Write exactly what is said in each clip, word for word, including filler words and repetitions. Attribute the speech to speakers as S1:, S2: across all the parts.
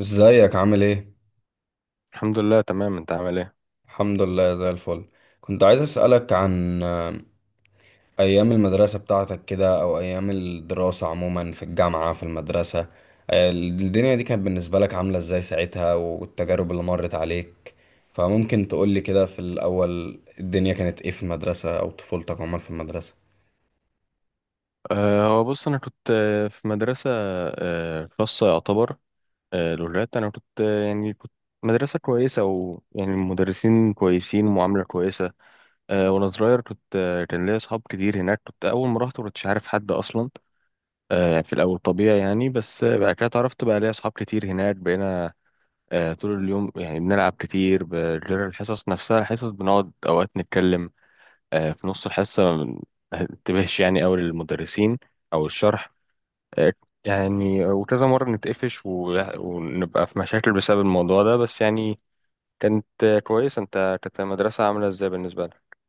S1: ازيك عامل ايه؟
S2: الحمد لله، تمام. انت عامل ايه؟
S1: الحمد لله زي الفل. كنت عايز اسألك عن آه، ايام المدرسة بتاعتك كده او ايام الدراسة عموما في الجامعة في المدرسة. آه، الدنيا دي كانت بالنسبة لك عاملة ازاي ساعتها والتجارب اللي مرت عليك. فممكن تقولي كده في الاول الدنيا كانت ايه في المدرسة او طفولتك عموما في المدرسة.
S2: أه هو بص، انا كنت آه، في مدرسه أه خاصه يعتبر، أه لغات. انا كنت آه، يعني كنت مدرسه كويسه، ويعني المدرسين كويسين ومعامله كويسه. أه وانا صغير كنت آه، كان ليا اصحاب كتير هناك. كنت اول ما رحت ما كنتش عارف حد اصلا، أه في الاول طبيعي يعني، بس آه، بعد كده اتعرفت بقى ليا اصحاب كتير هناك، بقينا أه طول اليوم يعني بنلعب كتير، ب- غير الحصص نفسها. الحصص بنقعد اوقات نتكلم، آه، في نص الحصة ما انتبهش يعني أوي للمدرسين أو الشرح، آه، يعني وكذا مرة نتقفش و- ونبقى في مشاكل بسبب الموضوع ده بس يعني. كانت آه، كويسة. أنت كانت المدرسة عاملة إزاي بالنسبة لك؟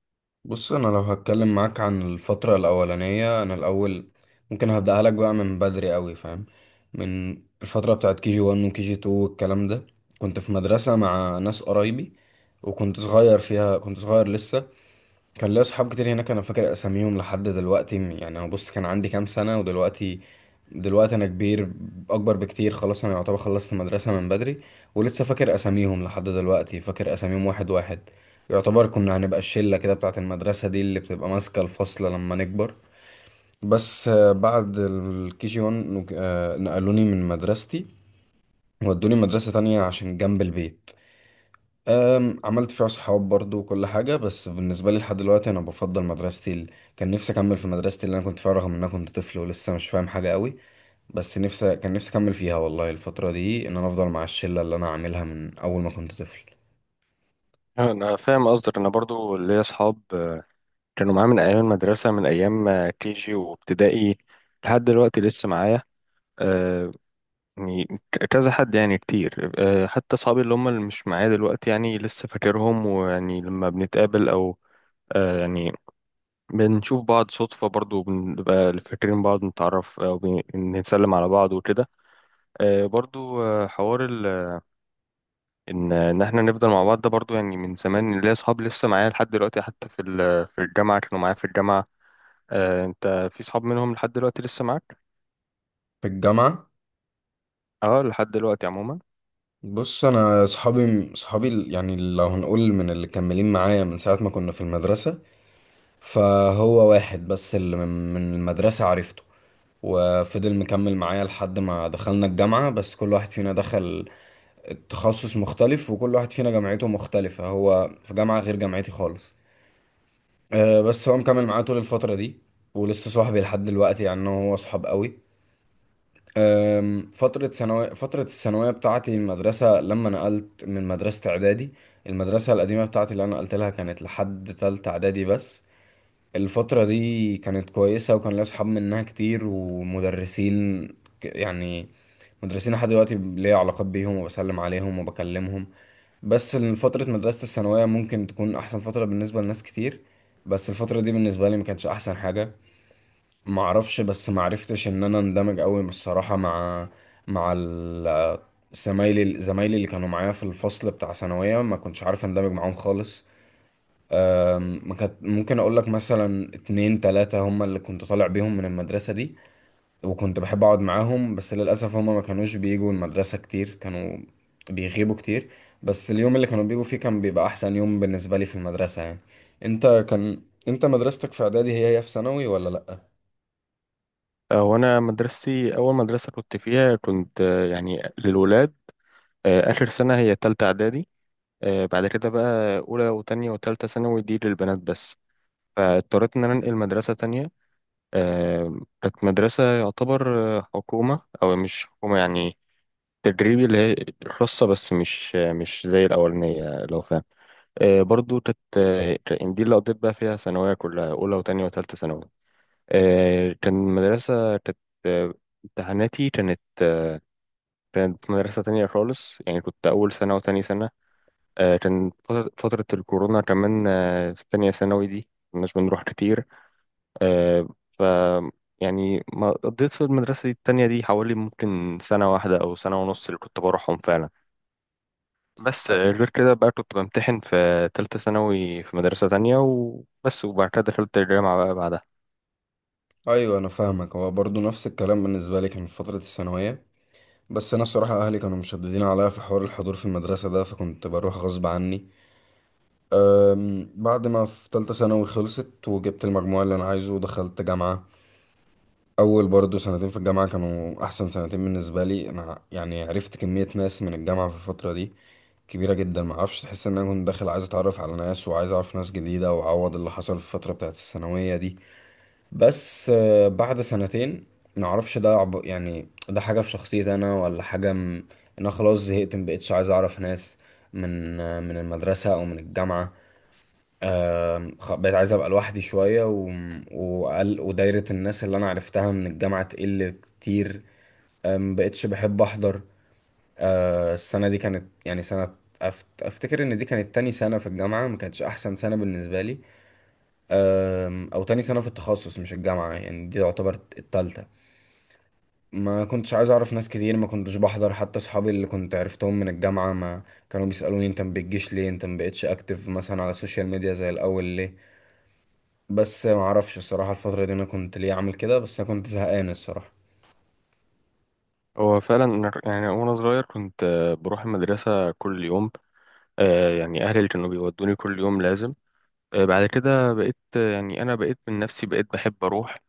S1: بص انا لو هتكلم معاك عن الفترة الاولانية انا الاول ممكن هبدأها لك بقى من بدري قوي، فاهم؟ من الفترة بتاعت كي جي واحد وكي جي اتنين والكلام ده كنت في مدرسة مع ناس قرايبي، وكنت صغير فيها، كنت صغير لسه. كان ليا صحاب كتير هناك، انا فاكر اساميهم لحد دلوقتي. م- يعني انا بص كان عندي كام سنه، ودلوقتي دلوقتي انا كبير، اكبر بكتير. خلاص انا يعتبر خلصت مدرسه من بدري، ولسه فاكر اساميهم لحد دلوقتي، فاكر اساميهم واحد واحد. يعتبر كنا هنبقى الشله كده بتاعه المدرسه دي اللي بتبقى ماسكه الفصل لما نكبر. بس آه، بعد الكي جي واحد نقلوني من مدرستي ودوني مدرسه تانية عشان جنب البيت. أم، عملت فيها صحاب برضو وكل حاجة، بس بالنسبة لي لحد دلوقتي أنا بفضل مدرستي ال... كان نفسي أكمل في مدرستي اللي أنا كنت فيها، رغم إن أنا كنت طفل ولسه مش فاهم حاجة قوي. بس نفسي، كان نفسي أكمل فيها والله الفترة دي، إن أنا أفضل مع الشلة اللي أنا عاملها من أول ما كنت طفل.
S2: أنا فاهم قصدك. أنا برضو ليا أصحاب آه، كانوا معايا من أيام المدرسة، من أيام آه، كي جي وابتدائي، لحد دلوقتي لسه معايا آه، يعني ك- كذا حد، يعني كتير. آه، حتى أصحابي اللي هم اللي مش معايا دلوقتي يعني لسه فاكرهم، ويعني لما بنتقابل أو آه يعني بنشوف بعض صدفة، برضو بنبقى فاكرين بعض، نتعرف آه، وبنسلم على بعض وكده. آه برضو آه حوار ال- إن إن إحنا نفضل مع بعض ده، برضو يعني من زمان ليا أصحاب لسه معايا لحد دلوقتي، حتى في ال- في الجامعة كانوا معايا في الجامعة. آه أنت في صحاب منهم لحد دلوقتي لسه معاك؟
S1: في الجامعة.
S2: أه، لحد دلوقتي عموما.
S1: بص أنا صحابي، صحابي ال- يعني لو هنقول من اللي كملين معايا من ساعة ما كنا في المدرسة، فهو واحد بس اللي من من المدرسة عرفته وفضل مكمل معايا لحد ما دخلنا الجامعة. بس كل واحد فينا دخل التخصص مختلف، وكل واحد فينا جامعته مختلفة، هو في جامعة غير جامعتي خالص. أه بس هو مكمل معايا طول الفترة دي، ولسه صاحبي لحد دلوقتي، يعني أنا وهو صحاب قوي. أم، فترة ثانوية فترة الثانوية بتاعتي، المدرسة لما نقلت من مدرسة إعدادي، المدرسة القديمة بتاعتي اللي أنا نقلت لها كانت لحد تالتة إعدادي بس. الفترة دي كانت كويسة وكان ليا صحاب منها كتير ومدرسين، ك- يعني مدرسين لحد دلوقتي ليا علاقات بيهم وبسلم عليهم وبكلمهم. بس إن فترة مدرسة الثانوية ممكن تكون أحسن فترة بالنسبة لناس كتير، بس الفترة دي بالنسبة لي ما كانتش أحسن حاجة. معرفش، بس معرفتش إن أنا اندمج أوي الصراحة مع مع ال- زمايلي، زمايلي اللي كانوا معايا في الفصل بتاع ثانوية، ما كنتش عارف اندمج معاهم خالص. أم، ما كانت، ممكن أقول لك مثلا اتنين تلاتة هما اللي كنت طالع بيهم من المدرسة دي، وكنت بحب اقعد معاهم، بس للاسف هما ما كانوش بيجوا المدرسه كتير، كانوا بيغيبوا كتير. بس اليوم اللي كانوا بيجوا فيه كان بيبقى احسن يوم بالنسبه لي في المدرسه يعني. انت كان انت مدرستك في اعدادي هي هي في ثانوي ولا لا؟
S2: آه وأنا مدرستي أول مدرسة كنت فيها، كنت آه يعني للولاد. آه آخر سنة هي تالتة إعدادي، آه بعد كده بقى أولى وتانية وتالتة ثانوي دي للبنات بس. فاضطريت ان انا انقل مدرسه تانية، آه، كانت مدرسه يعتبر آه، حكومه او مش حكومه يعني، تدريبي اللي هي خاصة، بس مش آه، مش زي الأولانية لو فاهم. آه، برضو كانت آه، كان- دي اللي قضيت بقى فيها ثانوية كلها، أولى وتانية وتالتة ثانوي. آه، كان مدرسة كانت آه، امتحاناتي كانت كانت في مدرسة تانية خالص. يعني كنت أول سنة وتاني سنة آه، كان فترة فترة الكورونا كمان. آه، في تانية ثانوي دي مكناش بنروح كتير، آه، ف يعني ما قضيت في المدرسة دي التانية دي حوالي ممكن سنة واحدة أو سنة ونص اللي كنت بروحهم فعلا. بس
S1: أ-
S2: آه، غير كده بقى كنت بمتحن في تالتة ثانوي في مدرسة تانية وبس، وبعد كده دخلت الجامعة بقى بعدها.
S1: ايوه انا فاهمك، هو برضو نفس الكلام بالنسبه لي كان في فتره الثانويه. بس انا الصراحه اهلي كانوا مشددين عليا في حوار الحضور في المدرسه ده، فكنت بروح غصب عني. أم، بعد ما في تالتة ثانوي خلصت وجبت المجموع اللي انا عايزه ودخلت جامعه. اول برضه سنتين في الجامعه كانوا احسن سنتين بالنسبه لي انا، يعني عرفت كميه ناس من الجامعه في الفتره دي كبيره جدا. ما اعرفش، تحس ان انا كنت داخل عايز اتعرف على ناس، وعايز اعرف ناس جديده، واعوض اللي حصل في الفتره بتاعت الثانويه دي. بس آه، بعد سنتين ما اعرفش ده عب... يعني ده حاجه في شخصيتي انا، ولا حاجه م... إن انا خلاص زهقت، ما بقتش عايز اعرف ناس من آه، من المدرسه او من الجامعه. آم، خ- بقيت عايز ابقى لوحدي شويه، و... وقل... ودايره الناس اللي انا عرفتها من الجامعه تقل كتير. آم، بقيتش بحب احضر. آه، السنه دي كانت يعني سنه، أفت... افتكر ان دي كانت تاني سنه في الجامعه، ما كانتش احسن سنه بالنسبه لي. آم، او تاني سنه في التخصص مش الجامعه، يعني دي تعتبر التالتة. ما كنتش عايز اعرف ناس كتير، ما كنتش بحضر حتى اصحابي اللي كنت عرفتهم من الجامعه. ما كانوا بيسالوني انت ما بتجيش ليه، انت ما بقتش اكتف مثلا على السوشيال ميديا زي الاول ليه. بس ما اعرفش الصراحه الفتره دي انا كنت ليه عامل كده، بس انا كنت زهقان الصراحه.
S2: هو فعلا أنا- يعني وأنا صغير كنت آه، بروح المدرسة كل يوم، آه، يعني أهلي اللي كانوا بيودوني كل يوم لازم. آه، بعد كده بقيت آه، يعني أنا بقيت من نفسي، بقيت بحب أروح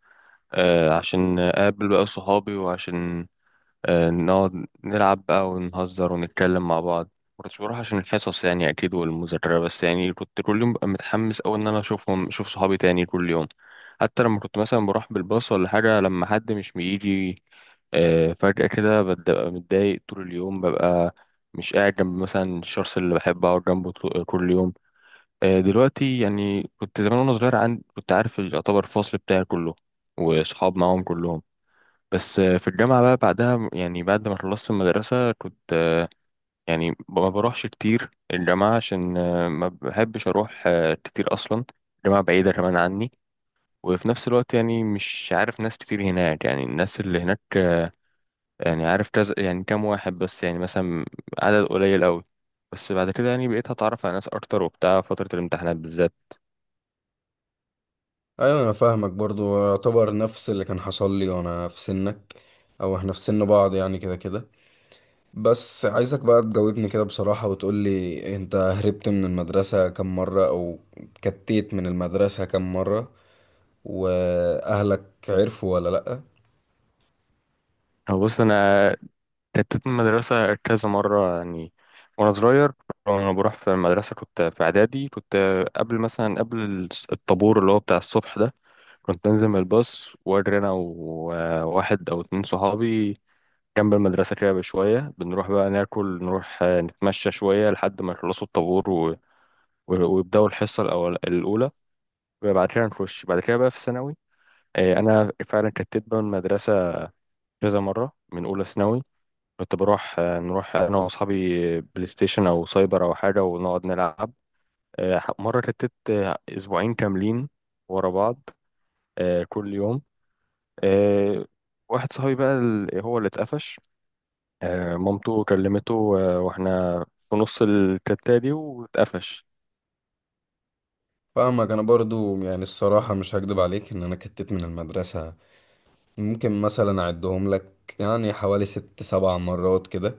S2: آه، عشان أقابل بقى صحابي، وعشان آه، نقعد نلعب بقى ونهزر ونتكلم مع بعض. مكنتش بروح عشان الحصص يعني أكيد والمذاكرة، بس يعني كنت كل يوم ببقى متحمس أوي إن أنا أشوفهم، أشوف صحابي تاني كل يوم. حتى لما كنت مثلا بروح بالباص ولا حاجة لما حد مش بيجي آه، فجأة كده ببقى متضايق طول اليوم، ببقى مش قاعد جنب مثلا الشخص اللي بحب أقعد جنبه طو- كل يوم. آه، دلوقتي يعني كنت زمان وأنا صغير عندي، كنت عارف يعتبر الفصل بتاعي كله، وصحاب معاهم كلهم. بس آه، في الجامعة بقى بعدها، يعني بعد ما خلصت المدرسة كنت آه، يعني ب- ما بروحش كتير الجامعة، عشان آه، ما بحبش أروح آه، كتير أصلا. الجامعة بعيدة كمان عني، وفي نفس الوقت يعني مش عارف ناس كتير هناك. يعني الناس اللي هناك آه، يعني عارف كذا، يعني كام واحد بس، يعني مثلا عدد قليل أوي. بس بعد كده يعني بقيت هتعرف على ناس أكتر وبتاع فترة الامتحانات بالذات.
S1: ايوه انا فاهمك، برضو يعتبر نفس اللي كان حصل لي وانا في سنك، او احنا في سن بعض يعني كده كده. بس عايزك بقى تجاوبني كده بصراحه وتقول لي، انت هربت من المدرسه كم مره، او كتيت من المدرسه كم مره، واهلك عرفوا ولا لا؟
S2: هو بص، أنا اتت من المدرسة كذا مرة يعني وأنا صغير. وأنا بروح في المدرسة كنت في إعدادي، كنت قبل مثلا قبل الس- الطابور اللي هو بتاع الصبح ده، كنت أنزل من الباص وأجري أنا وواحد أو اتنين صحابي جنب المدرسة كده بشوية، بنروح بقى ناكل، نروح آه، نتمشى شوية لحد ما يخلصوا الطابور و... و- ويبدأوا الحصة الأول الأولى، وبعد كده نخش. بعد كده بقى في ثانوي آه، أنا فعلا كتت بقى المدرسة كذا مرة. من أولى ثانوي كنت بروح آه، نروح انا واصحابي بلاي ستيشن او سايبر او حاجه ونقعد نلعب. آه، مره رتت آه، اسبوعين كاملين ورا بعض، آه، كل يوم. آه، واحد صاحبي بقى ال- هو اللي اتقفش، آه، مامته كلمته آه، واحنا في نص الكتة دي واتقفش.
S1: فاهمك. انا برضو يعني الصراحه مش هكدب عليك، ان انا كتيت من المدرسه ممكن مثلا اعدهم لك، يعني حوالي ست سبع مرات كده.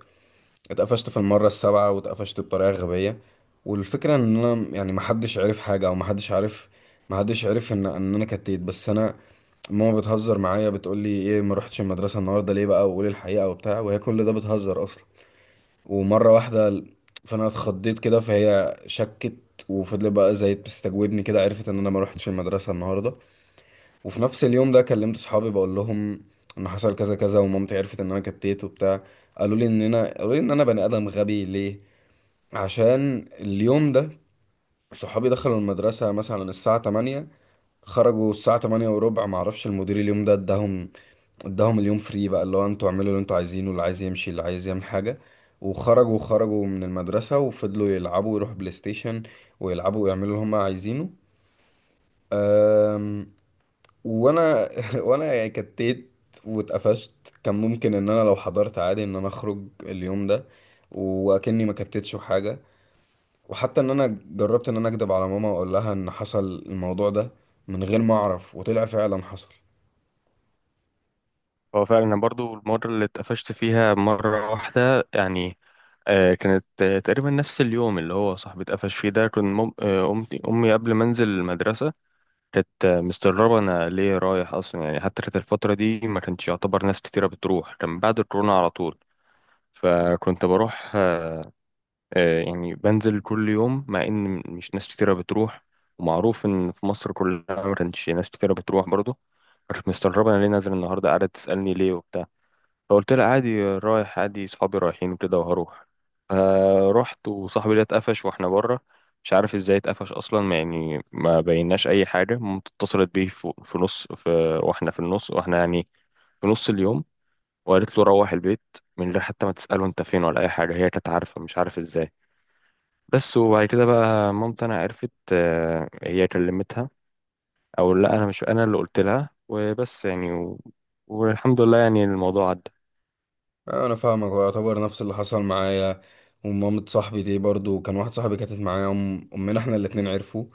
S1: اتقفشت في المرة السابعة، واتقفشت بطريقة غبية. والفكرة ان انا يعني محدش عرف حاجة، او محدش عارف، محدش عرف ان ان انا كتيت. بس انا ماما بتهزر معايا، بتقولي ايه ما رحتش المدرسة النهاردة ليه بقى، وقولي الحقيقة وبتاع، وهي كل ده بتهزر اصلا. ومرة واحدة فانا اتخضيت كده، فهي شكت وفضلت بقى زي بتستجوبني كده، عرفت ان انا ما رحتش المدرسة النهاردة. وفي نفس اليوم ده كلمت صحابي بقول لهم ان حصل كذا كذا، ومامتي عرفت ان انا كتيت وبتاع. قالوا لي ان انا قالوا لي ان انا بني ادم غبي ليه. عشان اليوم ده صحابي دخلوا المدرسة مثلا الساعة تمانية، خرجوا الساعة تمانية وربع، معرفش المدير اليوم ده اداهم اداهم اليوم فري بقى، اللي هو انتوا اعملوا اللي انتوا عايزينه، اللي عايز يمشي، اللي عايز يعمل حاجة. وخرجوا، خرجوا من المدرسة، وفضلوا يلعبوا ويروحوا بلاي ستيشن، ويلعبوا ويعملوا اللي هم عايزينه. أم... وانا وانا يعني كتيت واتقفشت. كان ممكن ان انا لو حضرت عادي، ان انا اخرج اليوم ده واكني ما كتتش حاجة. وحتى ان انا جربت ان انا اكدب على ماما واقول لها ان حصل الموضوع ده من غير ما اعرف، وطلع فعلا حصل.
S2: هو فعلا أنا برضو المرة اللي اتقفشت فيها مرة واحدة يعني، آه، كانت آه، تقريبا نفس اليوم اللي هو صاحبي اتقفش فيه ده. كنت مم- آه، أمي أمي قبل ما أنزل المدرسة كانت مستغربة أنا ليه رايح أصلا، يعني حتى كانت الفترة دي ما كانش يعتبر ناس كتيرة بتروح، كان بعد الكورونا على طول. فكنت بروح آه، آه، يعني بنزل كل يوم مع إن مش ناس كتيرة بتروح، ومعروف إن في مصر كلها ما كانش ناس كتيرة بتروح برضه. كانت مستغربة أنا ليه نازل النهاردة، قاعدة تسألني ليه وبتاع، فقلت لها عادي رايح، عادي صحابي رايحين وكده وهروح. آه رحت وصاحبي ده اتقفش واحنا بره، مش عارف ازاي اتقفش اصلا، ما يعني ما بيناش اي حاجه. مامته اتصلت بيه في في نص، في واحنا في النص، واحنا يعني في نص اليوم، وقالت له روح البيت، من غير حتى ما تساله انت فين ولا اي حاجه. هي كانت عارفه، مش عارف ازاي. بس وبعد كده بقى مامتي انا عرفت، آه، هي كلمتها او لا، انا مش انا اللي قلت لها وبس يعني و... والحمد لله يعني الموضوع عدى.
S1: انا فاهمك، هو يعتبر نفس اللي حصل معايا. ومامة صاحبي دي برضو، كان واحد صاحبي كانت معايا، أم- امنا احنا الاتنين عرفوا.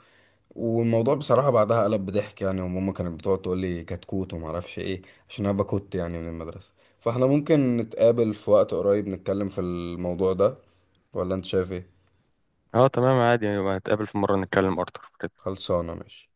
S1: والموضوع بصراحة بعدها قلب بضحك يعني، وماما كانت بتقعد تقول لي كتكوت وما اعرفش ايه، عشان انا بكت يعني من المدرسة. فاحنا ممكن نتقابل في وقت قريب نتكلم في الموضوع ده، ولا انت شايف ايه؟
S2: اه تمام، عادي، يبقى نتقابل في مرة نتكلم اكتر.
S1: خلصانة ماشي.